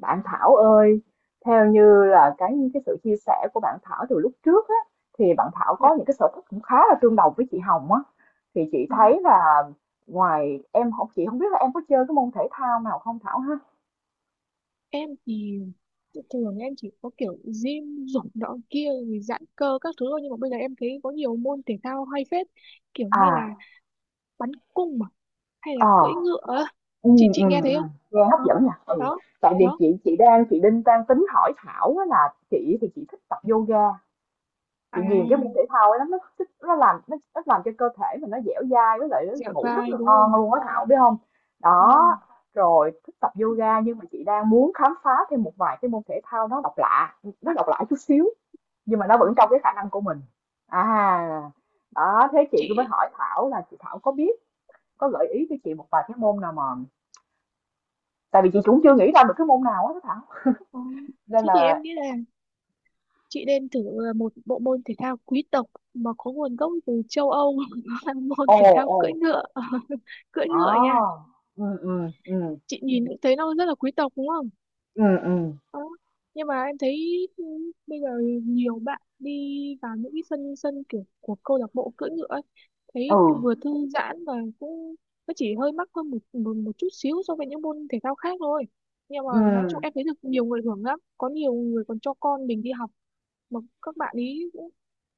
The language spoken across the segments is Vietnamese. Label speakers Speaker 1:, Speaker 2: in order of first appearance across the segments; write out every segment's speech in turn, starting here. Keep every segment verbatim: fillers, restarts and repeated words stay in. Speaker 1: Bạn Thảo ơi, theo như là cái cái sự chia sẻ của bạn Thảo từ lúc trước á, thì bạn Thảo
Speaker 2: Dạ.
Speaker 1: có những cái sở thích cũng khá là tương đồng với chị Hồng á. Thì chị thấy là ngoài em học chị không biết là em có chơi cái môn thể thao nào không, Thảo ha?
Speaker 2: Em thì tự- thường em chỉ có kiểu gym dục nọ kia rồi giãn cơ các thứ thôi, nhưng mà bây giờ em thấy có nhiều môn thể thao hay phết, kiểu như là
Speaker 1: À,
Speaker 2: bắn cung, mà hay là
Speaker 1: ờ,
Speaker 2: cưỡi ngựa á.
Speaker 1: ừ,
Speaker 2: chị
Speaker 1: ừ,
Speaker 2: chị nghe
Speaker 1: ừ,
Speaker 2: thấy không?
Speaker 1: nghe hấp
Speaker 2: Ờ,
Speaker 1: dẫn nha. Ừ.
Speaker 2: đó
Speaker 1: Tại vì
Speaker 2: đó
Speaker 1: chị chị đang chị Đinh đang tính hỏi Thảo á là chị thì chị thích tập yoga, chị ghiền cái môn thể
Speaker 2: à,
Speaker 1: thao ấy lắm, nó thích nó làm nó, nó làm cho cơ thể mình nó dẻo dai với lại nó
Speaker 2: dẻo
Speaker 1: ngủ rất
Speaker 2: dai
Speaker 1: là
Speaker 2: đúng
Speaker 1: ngon
Speaker 2: không?
Speaker 1: luôn á, Thảo biết không?
Speaker 2: Ồ.
Speaker 1: Đó, rồi thích tập
Speaker 2: Ừ,
Speaker 1: yoga nhưng mà chị đang muốn khám phá thêm một vài cái môn thể thao nó độc lạ, nó độc lạ chút xíu nhưng mà nó
Speaker 2: ừ.
Speaker 1: vẫn trong cái khả năng của mình. À, đó, thế chị cũng mới
Speaker 2: Chị
Speaker 1: hỏi Thảo là chị Thảo có biết, có gợi ý cho chị một vài cái môn nào mà, tại vì chị cũng chưa nghĩ ra được cái môn nào á Thảo,
Speaker 2: ờ,
Speaker 1: nên
Speaker 2: thế thì em
Speaker 1: là
Speaker 2: nghĩ là chị nên thử ờ, một bộ môn thể thao quý tộc mà có nguồn gốc từ châu Âu là môn
Speaker 1: ồ,
Speaker 2: thể thao
Speaker 1: ồ,
Speaker 2: cưỡi ngựa. Cưỡi
Speaker 1: à,
Speaker 2: ngựa nha.
Speaker 1: ừ, ừ, ừ,
Speaker 2: Chị nhìn cũng thấy nó rất là quý tộc đúng không?
Speaker 1: ừ, ừ,
Speaker 2: Đó. Nhưng mà em thấy ừ, bây giờ nhiều bạn đi vào những cái sân sân kiểu của câu lạc bộ cưỡi ngựa ấy,
Speaker 1: ừ,
Speaker 2: thấy vừa thư giãn và cũng nó chỉ hơi mắc hơn một, một một chút xíu so với những môn thể thao khác thôi. Nhưng mà
Speaker 1: ừ.
Speaker 2: nói chung em thấy được nhiều người hưởng lắm, có nhiều người còn cho con mình đi học, mà các bạn ý cũng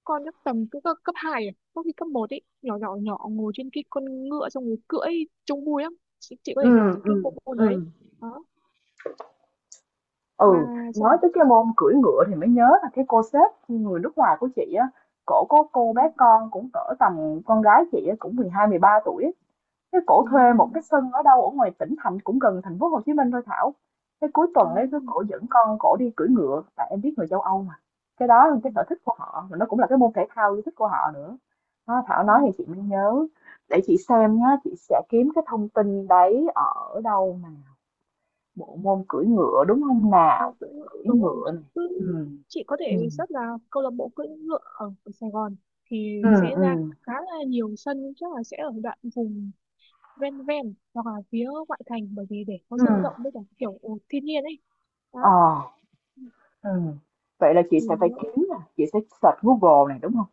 Speaker 2: con chắc tầm cứ cấp cấp hai, à có khi cấp một ấy, nhỏ nhỏ nhỏ ngồi trên cái con ngựa xong rồi cưỡi, trông vui lắm chị, chị có thể thử
Speaker 1: Ừ,
Speaker 2: cái
Speaker 1: ừ,
Speaker 2: bộ môn đấy.
Speaker 1: ừ.
Speaker 2: Đó, ba
Speaker 1: Ừ,
Speaker 2: chữ
Speaker 1: nói
Speaker 2: này.
Speaker 1: tới cái môn cưỡi ngựa thì mới nhớ là cái cô sếp người nước ngoài của chị á, cổ có cô bé
Speaker 2: Đúng,
Speaker 1: con cũng cỡ tầm con gái chị á, cũng mười hai mười ba tuổi á. Cái cổ thuê một
Speaker 2: đúng,
Speaker 1: cái sân ở đâu ở ngoài tỉnh thành cũng gần thành phố Hồ Chí Minh thôi Thảo. Cái cuối tuần ấy
Speaker 2: đúng,
Speaker 1: cứ
Speaker 2: đúng.
Speaker 1: cổ dẫn con cổ đi cưỡi ngựa, tại em biết người châu Âu mà. Cái đó là cái sở thích của họ mà nó cũng là cái môn thể thao yêu thích của họ nữa. Đó, Thảo nói thì chị mới nhớ. Để chị xem nhá, chị sẽ kiếm cái thông tin đấy ở đâu. Bộ môn cưỡi ngựa, đúng không
Speaker 2: Ôi,
Speaker 1: nào?
Speaker 2: cưỡi ngựa.
Speaker 1: Cưỡi
Speaker 2: Đúng rồi,
Speaker 1: ngựa
Speaker 2: chị
Speaker 1: này.
Speaker 2: cứ,
Speaker 1: Ừm.
Speaker 2: chị có thể
Speaker 1: Ừm.
Speaker 2: search là câu lạc bộ cưỡi ngựa ở, ở Sài Gòn thì
Speaker 1: Ừm,
Speaker 2: sẽ ra
Speaker 1: ừm.
Speaker 2: khá là nhiều sân, chắc là sẽ ở đoạn vùng ven ven hoặc là phía ngoại thành, bởi vì để có sân rộng
Speaker 1: Ừm.
Speaker 2: với cả kiểu thiên nhiên ấy. Đó
Speaker 1: Ờ. Ừm. Vậy là chị
Speaker 2: thì
Speaker 1: sẽ phải
Speaker 2: nếu,
Speaker 1: kiếm nè, chị sẽ search Google này, đúng không?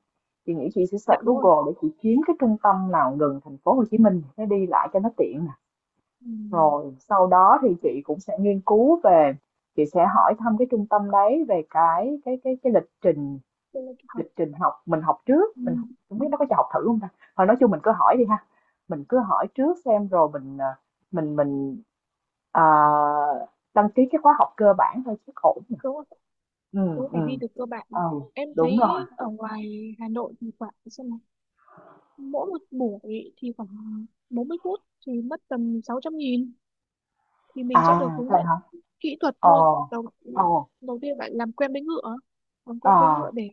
Speaker 1: Chị nghĩ chị sẽ
Speaker 2: dạ
Speaker 1: search
Speaker 2: đúng rồi,
Speaker 1: Google để chị kiếm cái trung tâm nào gần thành phố Hồ Chí Minh để đi lại cho nó tiện nè.
Speaker 2: ừ.
Speaker 1: Rồi sau đó thì chị cũng sẽ nghiên cứu về, chị sẽ hỏi thăm cái trung tâm đấy về cái cái cái cái lịch trình.
Speaker 2: Tôi lên học,
Speaker 1: Lịch trình học mình học trước,
Speaker 2: ừ.
Speaker 1: mình học biết nó có cho học thử hông ta? Thôi nói chung mình cứ hỏi đi ha, mình cứ hỏi trước xem rồi mình, ờ, mình mình, ờ, đăng ký cái khóa học cơ bản thôi chắc ổn nhỉ?
Speaker 2: Đúng rồi, đúng
Speaker 1: Ừm,
Speaker 2: rồi, phải đi
Speaker 1: ừm,
Speaker 2: được cơ bản.
Speaker 1: ừ,
Speaker 2: Em
Speaker 1: đúng
Speaker 2: thấy
Speaker 1: rồi.
Speaker 2: ở ngoài Hà Nội thì khoảng xem, mỗi một buổi thì khoảng bốn mươi phút thì mất tầm sáu trăm nghìn, thì mình sẽ
Speaker 1: À,
Speaker 2: được hướng
Speaker 1: vậy
Speaker 2: dẫn
Speaker 1: hả?
Speaker 2: kỹ thuật luôn.
Speaker 1: Ồ,
Speaker 2: đầu,
Speaker 1: ồ,
Speaker 2: Đầu tiên bạn làm quen với ngựa, làm
Speaker 1: ờ,
Speaker 2: quen với ngựa để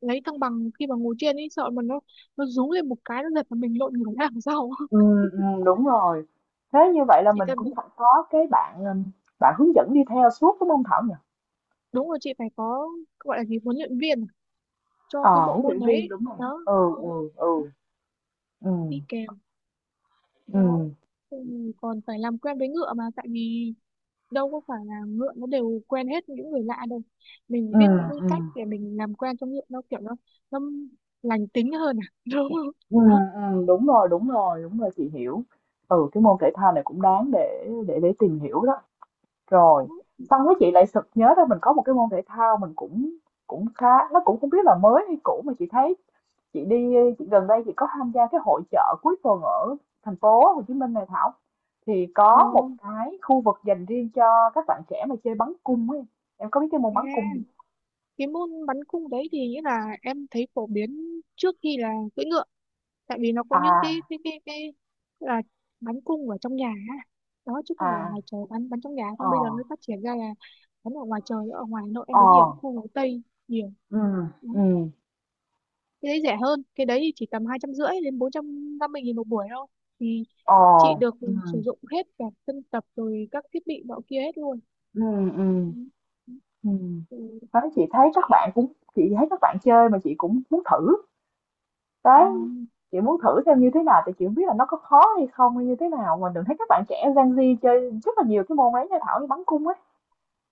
Speaker 2: lấy thăng bằng, khi mà ngồi trên ấy sợ mà nó nó rú lên một cái nó giật mà mình lộn ngửa ra đằng sau.
Speaker 1: ừm, ừm, đúng rồi. Thế như vậy là
Speaker 2: Chị
Speaker 1: mình
Speaker 2: cần,
Speaker 1: cũng phải có cái bạn, ừm, bạn hướng dẫn đi theo suốt, đúng hông Thảo nhỉ?
Speaker 2: đúng rồi chị phải có, gọi là gì, huấn luyện viên cho
Speaker 1: Ờ,
Speaker 2: cái bộ
Speaker 1: huấn
Speaker 2: môn
Speaker 1: luyện viên,
Speaker 2: đấy,
Speaker 1: đúng rồi.
Speaker 2: đó,
Speaker 1: Ừ, ừ, ừ, ừm,
Speaker 2: đi kèm. Đó,
Speaker 1: ừm,
Speaker 2: ừ, còn phải làm quen với ngựa, mà tại vì đâu có phải là ngựa nó đều quen hết những người lạ đâu, mình phải biết những cái cách
Speaker 1: ừm.
Speaker 2: để mình làm quen cho ngựa nó kiểu nó nó lành tính hơn à. Đúng không?
Speaker 1: Ừ,
Speaker 2: Đó.
Speaker 1: ừ, đúng rồi, đúng rồi, đúng rồi, chị hiểu. Ừ, cái môn thể thao này cũng đáng để để để tìm hiểu đó. Rồi xong cái chị lại sực nhớ ra mình có một cái môn thể thao mình cũng cũng khá, nó cũng không biết là mới hay cũ, mà chị thấy chị đi chị gần đây chị có tham gia cái hội chợ cuối tuần ở thành phố Hồ Chí Minh này Thảo, thì
Speaker 2: Ờ,
Speaker 1: có một cái khu vực dành riêng cho các bạn trẻ mà chơi bắn cung ấy. Em có biết cái môn bắn
Speaker 2: thế
Speaker 1: cung không?
Speaker 2: cái môn bắn cung đấy thì nghĩa là em thấy phổ biến trước khi là cưỡi ngựa, tại vì nó có những cái
Speaker 1: À,
Speaker 2: cái cái cái là bắn cung ở trong nhà á. Đó, chứ không phải là
Speaker 1: à,
Speaker 2: ngoài trời, bắn bắn trong nhà,
Speaker 1: ờ,
Speaker 2: không bây giờ mới phát triển ra là bắn ở ngoài trời. Ở ngoài Hà Nội em
Speaker 1: ờ,
Speaker 2: đến nhiều khu phố Tây, nhiều
Speaker 1: ừ, ừ,
Speaker 2: cái đấy rẻ hơn, cái đấy thì chỉ tầm hai trăm rưỡi đến bốn trăm năm mươi nghìn một buổi thôi, thì
Speaker 1: ờ,
Speaker 2: chị được
Speaker 1: ừ.
Speaker 2: sử dụng hết cả sân tập rồi các thiết bị nọ kia hết luôn.
Speaker 1: Ừ, ừ,
Speaker 2: Ừ.
Speaker 1: ừ.
Speaker 2: Ừ.
Speaker 1: Đấy, chị thấy các
Speaker 2: Chị
Speaker 1: bạn cũng chị thấy các bạn chơi mà chị cũng muốn thử đấy,
Speaker 2: à,
Speaker 1: chị muốn thử xem như thế nào thì chị không biết là nó có khó hay không hay như thế nào, mà đừng thấy các bạn trẻ Gen Z chơi rất là nhiều cái môn ấy nha Thảo, như bắn cung ấy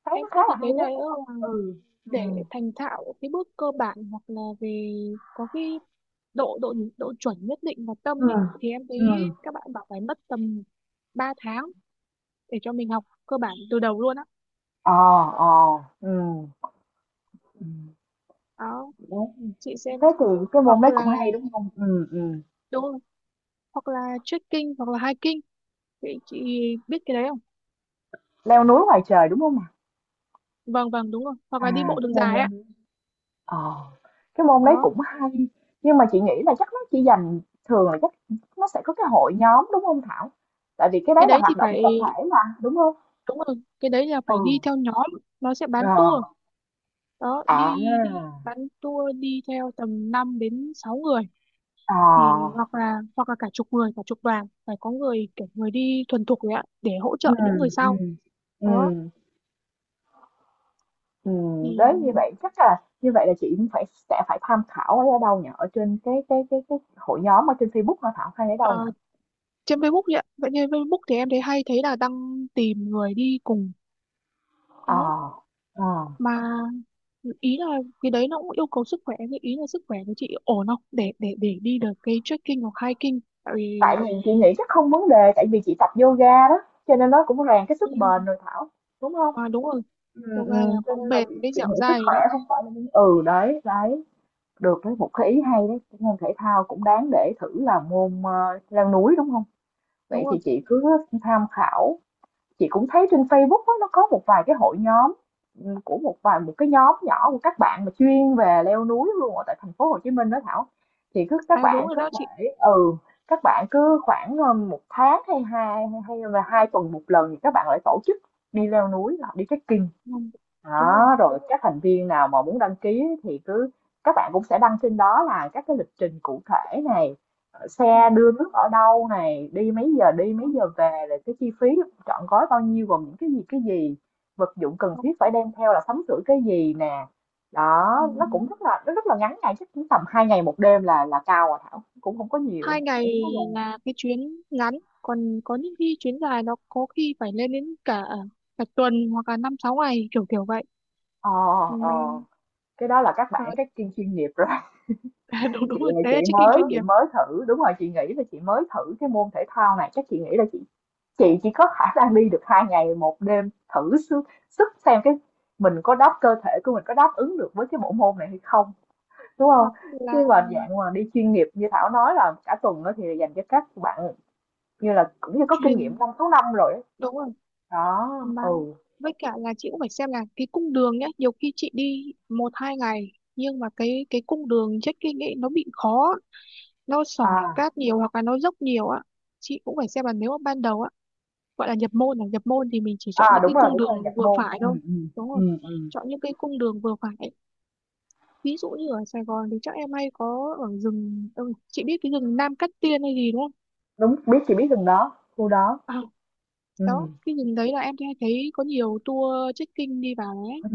Speaker 1: thấy
Speaker 2: em
Speaker 1: nó khá
Speaker 2: suốt
Speaker 1: là
Speaker 2: thì thấy
Speaker 1: hay á.
Speaker 2: này nữa là
Speaker 1: Ừ, ừ.
Speaker 2: để thành thạo cái bước cơ bản hoặc là về có cái độ độ độ chuẩn nhất định và tâm
Speaker 1: Ừ.
Speaker 2: ấy, thì em
Speaker 1: Ừ.
Speaker 2: thấy các bạn bảo phải mất tầm ba tháng để cho mình học cơ bản từ đầu luôn á.
Speaker 1: Ờ, ờ, ừ, ừ.
Speaker 2: Đó.
Speaker 1: Đấy.
Speaker 2: Chị xem
Speaker 1: Thế thì cái
Speaker 2: hoặc
Speaker 1: môn đấy cũng
Speaker 2: là,
Speaker 1: hay, đúng không? Ừ, ừ.
Speaker 2: đúng rồi, hoặc là trekking hoặc là hiking. Chị, chị biết cái đấy không?
Speaker 1: Leo núi ngoài trời, đúng không ạ?
Speaker 2: Vâng vâng, đúng rồi. Hoặc
Speaker 1: À,
Speaker 2: là đi bộ
Speaker 1: cái
Speaker 2: đường
Speaker 1: môn
Speaker 2: dài
Speaker 1: leo.
Speaker 2: ạ.
Speaker 1: Ờ, cái môn đấy
Speaker 2: Đó,
Speaker 1: cũng hay nhưng mà chị nghĩ là chắc nó chỉ dành thường là chắc nó sẽ có cái hội nhóm, đúng không Thảo? Tại vì cái
Speaker 2: cái
Speaker 1: đấy là
Speaker 2: đấy thì
Speaker 1: hoạt động
Speaker 2: phải,
Speaker 1: tập thể mà, đúng không?
Speaker 2: đúng rồi, cái đấy là
Speaker 1: Ừ.
Speaker 2: phải đi theo nhóm, nó sẽ bán
Speaker 1: Ờ.
Speaker 2: tour. Đó,
Speaker 1: À.
Speaker 2: đi đi bán tour đi theo tầm năm đến sáu người,
Speaker 1: Ờ.
Speaker 2: thì hoặc là hoặc là cả chục người, cả chục đoàn, phải có người kiểu người đi thuần thục đấy ạ để hỗ
Speaker 1: Ừ.
Speaker 2: trợ những người sau.
Speaker 1: Ừ.
Speaker 2: Đó
Speaker 1: Ừ. Ừ. Đấy, như
Speaker 2: thì
Speaker 1: vậy chắc là như vậy là chị cũng phải sẽ phải tham khảo ở đâu nhỉ? Ở trên cái cái cái cái hội nhóm ở trên Facebook hả Thảo, hay ở
Speaker 2: ờ,
Speaker 1: đâu nhỉ?
Speaker 2: trên Facebook vậy ạ. Vậy trên Facebook thì em thấy hay thấy là đăng tìm người đi cùng. Đó,
Speaker 1: Ờ. Ờ.
Speaker 2: mà ý là cái đấy nó cũng yêu cầu sức khỏe, cái ý là sức khỏe của chị ổn không để để để đi được cái trekking hoặc hiking, tại
Speaker 1: Tại
Speaker 2: vì
Speaker 1: vì chị nghĩ chắc không vấn đề, tại vì chị tập yoga đó, cho nên nó cũng rèn cái
Speaker 2: ừ.
Speaker 1: sức bền rồi Thảo, đúng không?
Speaker 2: À, đúng rồi,
Speaker 1: Ừ, ừ,
Speaker 2: yoga là
Speaker 1: cho
Speaker 2: có
Speaker 1: nên là
Speaker 2: bền
Speaker 1: chị,
Speaker 2: với
Speaker 1: chị
Speaker 2: dẻo
Speaker 1: nghĩ sức
Speaker 2: dai rồi
Speaker 1: khỏe
Speaker 2: đó,
Speaker 1: không phải là vấn-. Ừ, đấy đấy, được đấy, một cái ý hay đấy, cái môn thể thao cũng đáng để thử là môn, ờ, leo núi, đúng không? Vậy
Speaker 2: đúng rồi.
Speaker 1: thì chị cứ tham khảo. Chị cũng thấy trên Facebook á, nó có một vài cái hội nhóm, ừ, của một vài một cái nhóm nhỏ của các bạn mà chuyên về leo núi luôn ở tại thành phố Hồ Chí Minh đó Thảo. Thì cứ các
Speaker 2: À đúng
Speaker 1: bạn
Speaker 2: rồi
Speaker 1: có
Speaker 2: đó chị.
Speaker 1: thể, ừ, các bạn cứ khoảng, ờ, một tháng hay hai hay là hai tuần một lần thì các bạn lại tổ chức đi leo núi hoặc đi trekking.
Speaker 2: Ừ. Đúng rồi.
Speaker 1: Đó, rồi các thành viên nào mà muốn đăng ký thì cứ các bạn cũng sẽ đăng trên đó là các cái lịch trình cụ thể này, ờ,
Speaker 2: Ừ.
Speaker 1: xe đưa nước ở đâu này, đi mấy giờ đi mấy
Speaker 2: Đó.
Speaker 1: giờ về, rồi cái chi phí trọn gói bao nhiêu, gồm những cái gì cái gì, vật dụng cần
Speaker 2: Đó.
Speaker 1: thiết phải đem theo là sắm sửa cái gì nè. Đó,
Speaker 2: Ừ.
Speaker 1: nó cũng rất là nó rất là ngắn ngày chắc cũng tầm hai ngày một đêm là là cao rồi Thảo, cũng không có nhiều,
Speaker 2: hai
Speaker 1: cũng
Speaker 2: ngày
Speaker 1: không có gần.
Speaker 2: là cái chuyến ngắn, còn có những khi chuyến dài nó có khi phải lên đến cả cả tuần hoặc là năm sáu ngày kiểu kiểu vậy.
Speaker 1: Ờ,
Speaker 2: Ừ,
Speaker 1: ờ,
Speaker 2: mà
Speaker 1: cái đó là các bạn các chuyên chuyên nghiệp rồi.
Speaker 2: à, đúng
Speaker 1: Chị
Speaker 2: đúng rồi,
Speaker 1: là
Speaker 2: đấy
Speaker 1: chị
Speaker 2: là trekking
Speaker 1: mới
Speaker 2: chuyên
Speaker 1: chị
Speaker 2: nghiệp,
Speaker 1: mới thử, đúng rồi, chị nghĩ là chị mới thử cái môn thể thao này, chắc chị nghĩ là chị chị chỉ có khả năng đi được hai ngày một đêm thử sức, sức xem cái mình có đáp cơ thể của mình có đáp ứng được với cái bộ môn này hay không, đúng không?
Speaker 2: hoặc
Speaker 1: Chứ
Speaker 2: là
Speaker 1: mà dạng mà đi chuyên nghiệp như Thảo nói là cả tuần đó thì dành cho các bạn như là cũng như có kinh nghiệm
Speaker 2: chuyên.
Speaker 1: năm sáu năm rồi ấy.
Speaker 2: Đúng rồi
Speaker 1: Đó.
Speaker 2: mà,
Speaker 1: Ừ.
Speaker 2: với cả là chị cũng phải xem là cái cung đường nhá, nhiều khi chị đi một hai ngày nhưng mà cái cái cung đường trekking ấy nó bị khó, nó sỏi
Speaker 1: À,
Speaker 2: cát nhiều hoặc là nó dốc nhiều á. Chị cũng phải xem là nếu mà ban đầu á, gọi là nhập môn là nhập môn thì mình chỉ
Speaker 1: à,
Speaker 2: chọn những
Speaker 1: đúng
Speaker 2: cái
Speaker 1: rồi,
Speaker 2: cung
Speaker 1: đúng rồi
Speaker 2: đường
Speaker 1: nhập
Speaker 2: vừa
Speaker 1: môn.
Speaker 2: phải
Speaker 1: Ừ,
Speaker 2: thôi,
Speaker 1: ừ,
Speaker 2: đúng không?
Speaker 1: ừ, ừ.
Speaker 2: Chọn những cái cung đường vừa phải, ví dụ như ở Sài Gòn thì chắc em hay có ở rừng, ừ, chị biết cái rừng Nam Cát Tiên hay gì đúng không?
Speaker 1: Đúng biết chị biết từng đó khu đó.
Speaker 2: À,
Speaker 1: Ừ,
Speaker 2: đó cái rừng đấy là em hay thấy có nhiều tour trekking đi vào đấy.
Speaker 1: ừ,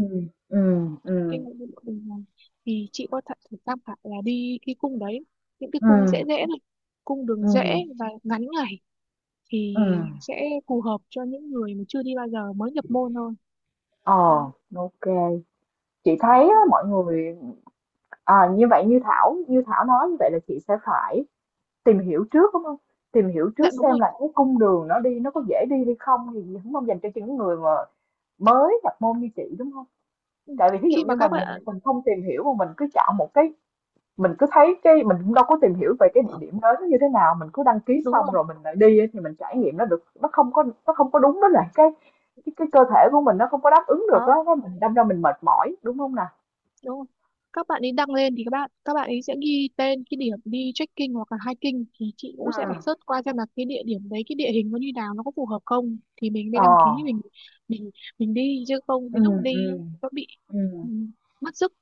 Speaker 1: ừ.
Speaker 2: Cái
Speaker 1: Ừ.
Speaker 2: ngôi vua của mình này, thì chị có thể thử tham khảo là đi cái cung đấy, những cái
Speaker 1: Ừ,
Speaker 2: cung dễ dễ này, cung đường
Speaker 1: ừ,
Speaker 2: dễ và ngắn ngày thì
Speaker 1: ừ.
Speaker 2: sẽ phù hợp cho những người mà chưa đi bao giờ mới nhập môn thôi. Ừ,
Speaker 1: Ờ, ok. Chị thấy á,
Speaker 2: đó.
Speaker 1: mọi người. À, như vậy như Thảo, như Thảo nói như vậy là chị sẽ phải tìm hiểu trước, đúng không? Tìm hiểu
Speaker 2: Dạ
Speaker 1: trước
Speaker 2: đúng
Speaker 1: xem
Speaker 2: rồi,
Speaker 1: là cái cung đường nó đi nó có dễ đi hay không thì đúng không, dành cho những người mà mới nhập môn như chị, đúng không? Tại vì thí dụ
Speaker 2: khi mà
Speaker 1: như
Speaker 2: các
Speaker 1: mình mình
Speaker 2: bạn,
Speaker 1: mình không tìm hiểu mà mình cứ chọn một cái, mình cứ thấy cái, mình cũng đâu có tìm hiểu về cái địa điểm đó nó như thế nào, mình cứ đăng ký
Speaker 2: đúng
Speaker 1: xong
Speaker 2: rồi
Speaker 1: rồi mình lại đi á, thì mình trải nghiệm nó được, nó không có, nó không có đúng với lại cái cái, cái cơ thể của mình nó không có đáp ứng được
Speaker 2: đó,
Speaker 1: đó, cái mình đâm ra mình mệt mỏi, đúng không nè?
Speaker 2: đúng rồi, các bạn ấy đăng lên thì các bạn các bạn ấy sẽ ghi tên cái điểm đi trekking hoặc là hiking, thì chị cũng sẽ phải
Speaker 1: Ừ.
Speaker 2: search qua xem là cái địa điểm đấy cái địa hình nó như nào, nó có phù hợp không thì mình mới
Speaker 1: Ờ,
Speaker 2: đăng ký, mình mình mình đi, chứ không
Speaker 1: ừ,
Speaker 2: đến lúc đi ấy,
Speaker 1: ừ,
Speaker 2: nó bị
Speaker 1: ừ,
Speaker 2: ừ, mất sức.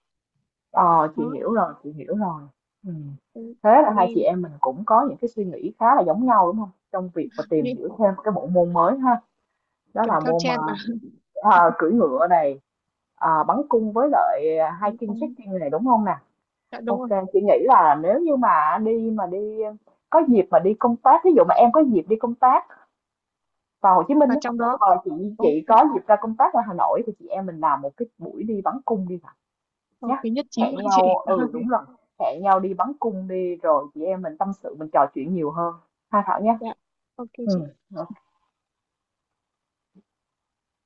Speaker 1: ờ,
Speaker 2: Đó,
Speaker 1: chị hiểu rồi, chị hiểu rồi. Ừ.
Speaker 2: ừ,
Speaker 1: Thế là hai chị
Speaker 2: ừ,
Speaker 1: em mình cũng có những cái suy nghĩ khá là giống nhau, đúng không, trong việc mà tìm
Speaker 2: nghĩ
Speaker 1: hiểu thêm cái bộ môn mới ha? Đó
Speaker 2: kiểu
Speaker 1: là
Speaker 2: theo
Speaker 1: môn mà,
Speaker 2: trend mà.
Speaker 1: à, cưỡi ngựa này, à, bắn cung với lại
Speaker 2: Ừ,
Speaker 1: hiking
Speaker 2: cũng
Speaker 1: trekking này, đúng không nè?
Speaker 2: dạ đúng
Speaker 1: Ok,
Speaker 2: rồi,
Speaker 1: chị nghĩ là nếu như mà đi mà đi có dịp mà đi công tác, ví dụ mà em có dịp đi công tác vào Hồ Chí Minh
Speaker 2: và
Speaker 1: á,
Speaker 2: trong đó,
Speaker 1: hoặc chị
Speaker 2: ok,
Speaker 1: chị có dịp ra công tác ở Hà Nội thì chị em mình làm một cái buổi đi bắn cung đi nào
Speaker 2: ok
Speaker 1: nhá.
Speaker 2: nhất trí luôn
Speaker 1: Hẹn
Speaker 2: chị.
Speaker 1: nhau, ừ đúng rồi, hẹn nhau đi bắn cung đi rồi chị em mình tâm sự, mình trò chuyện nhiều hơn. Ha Thảo nhé.
Speaker 2: Dạ,
Speaker 1: Ừ.
Speaker 2: ok.
Speaker 1: Ok.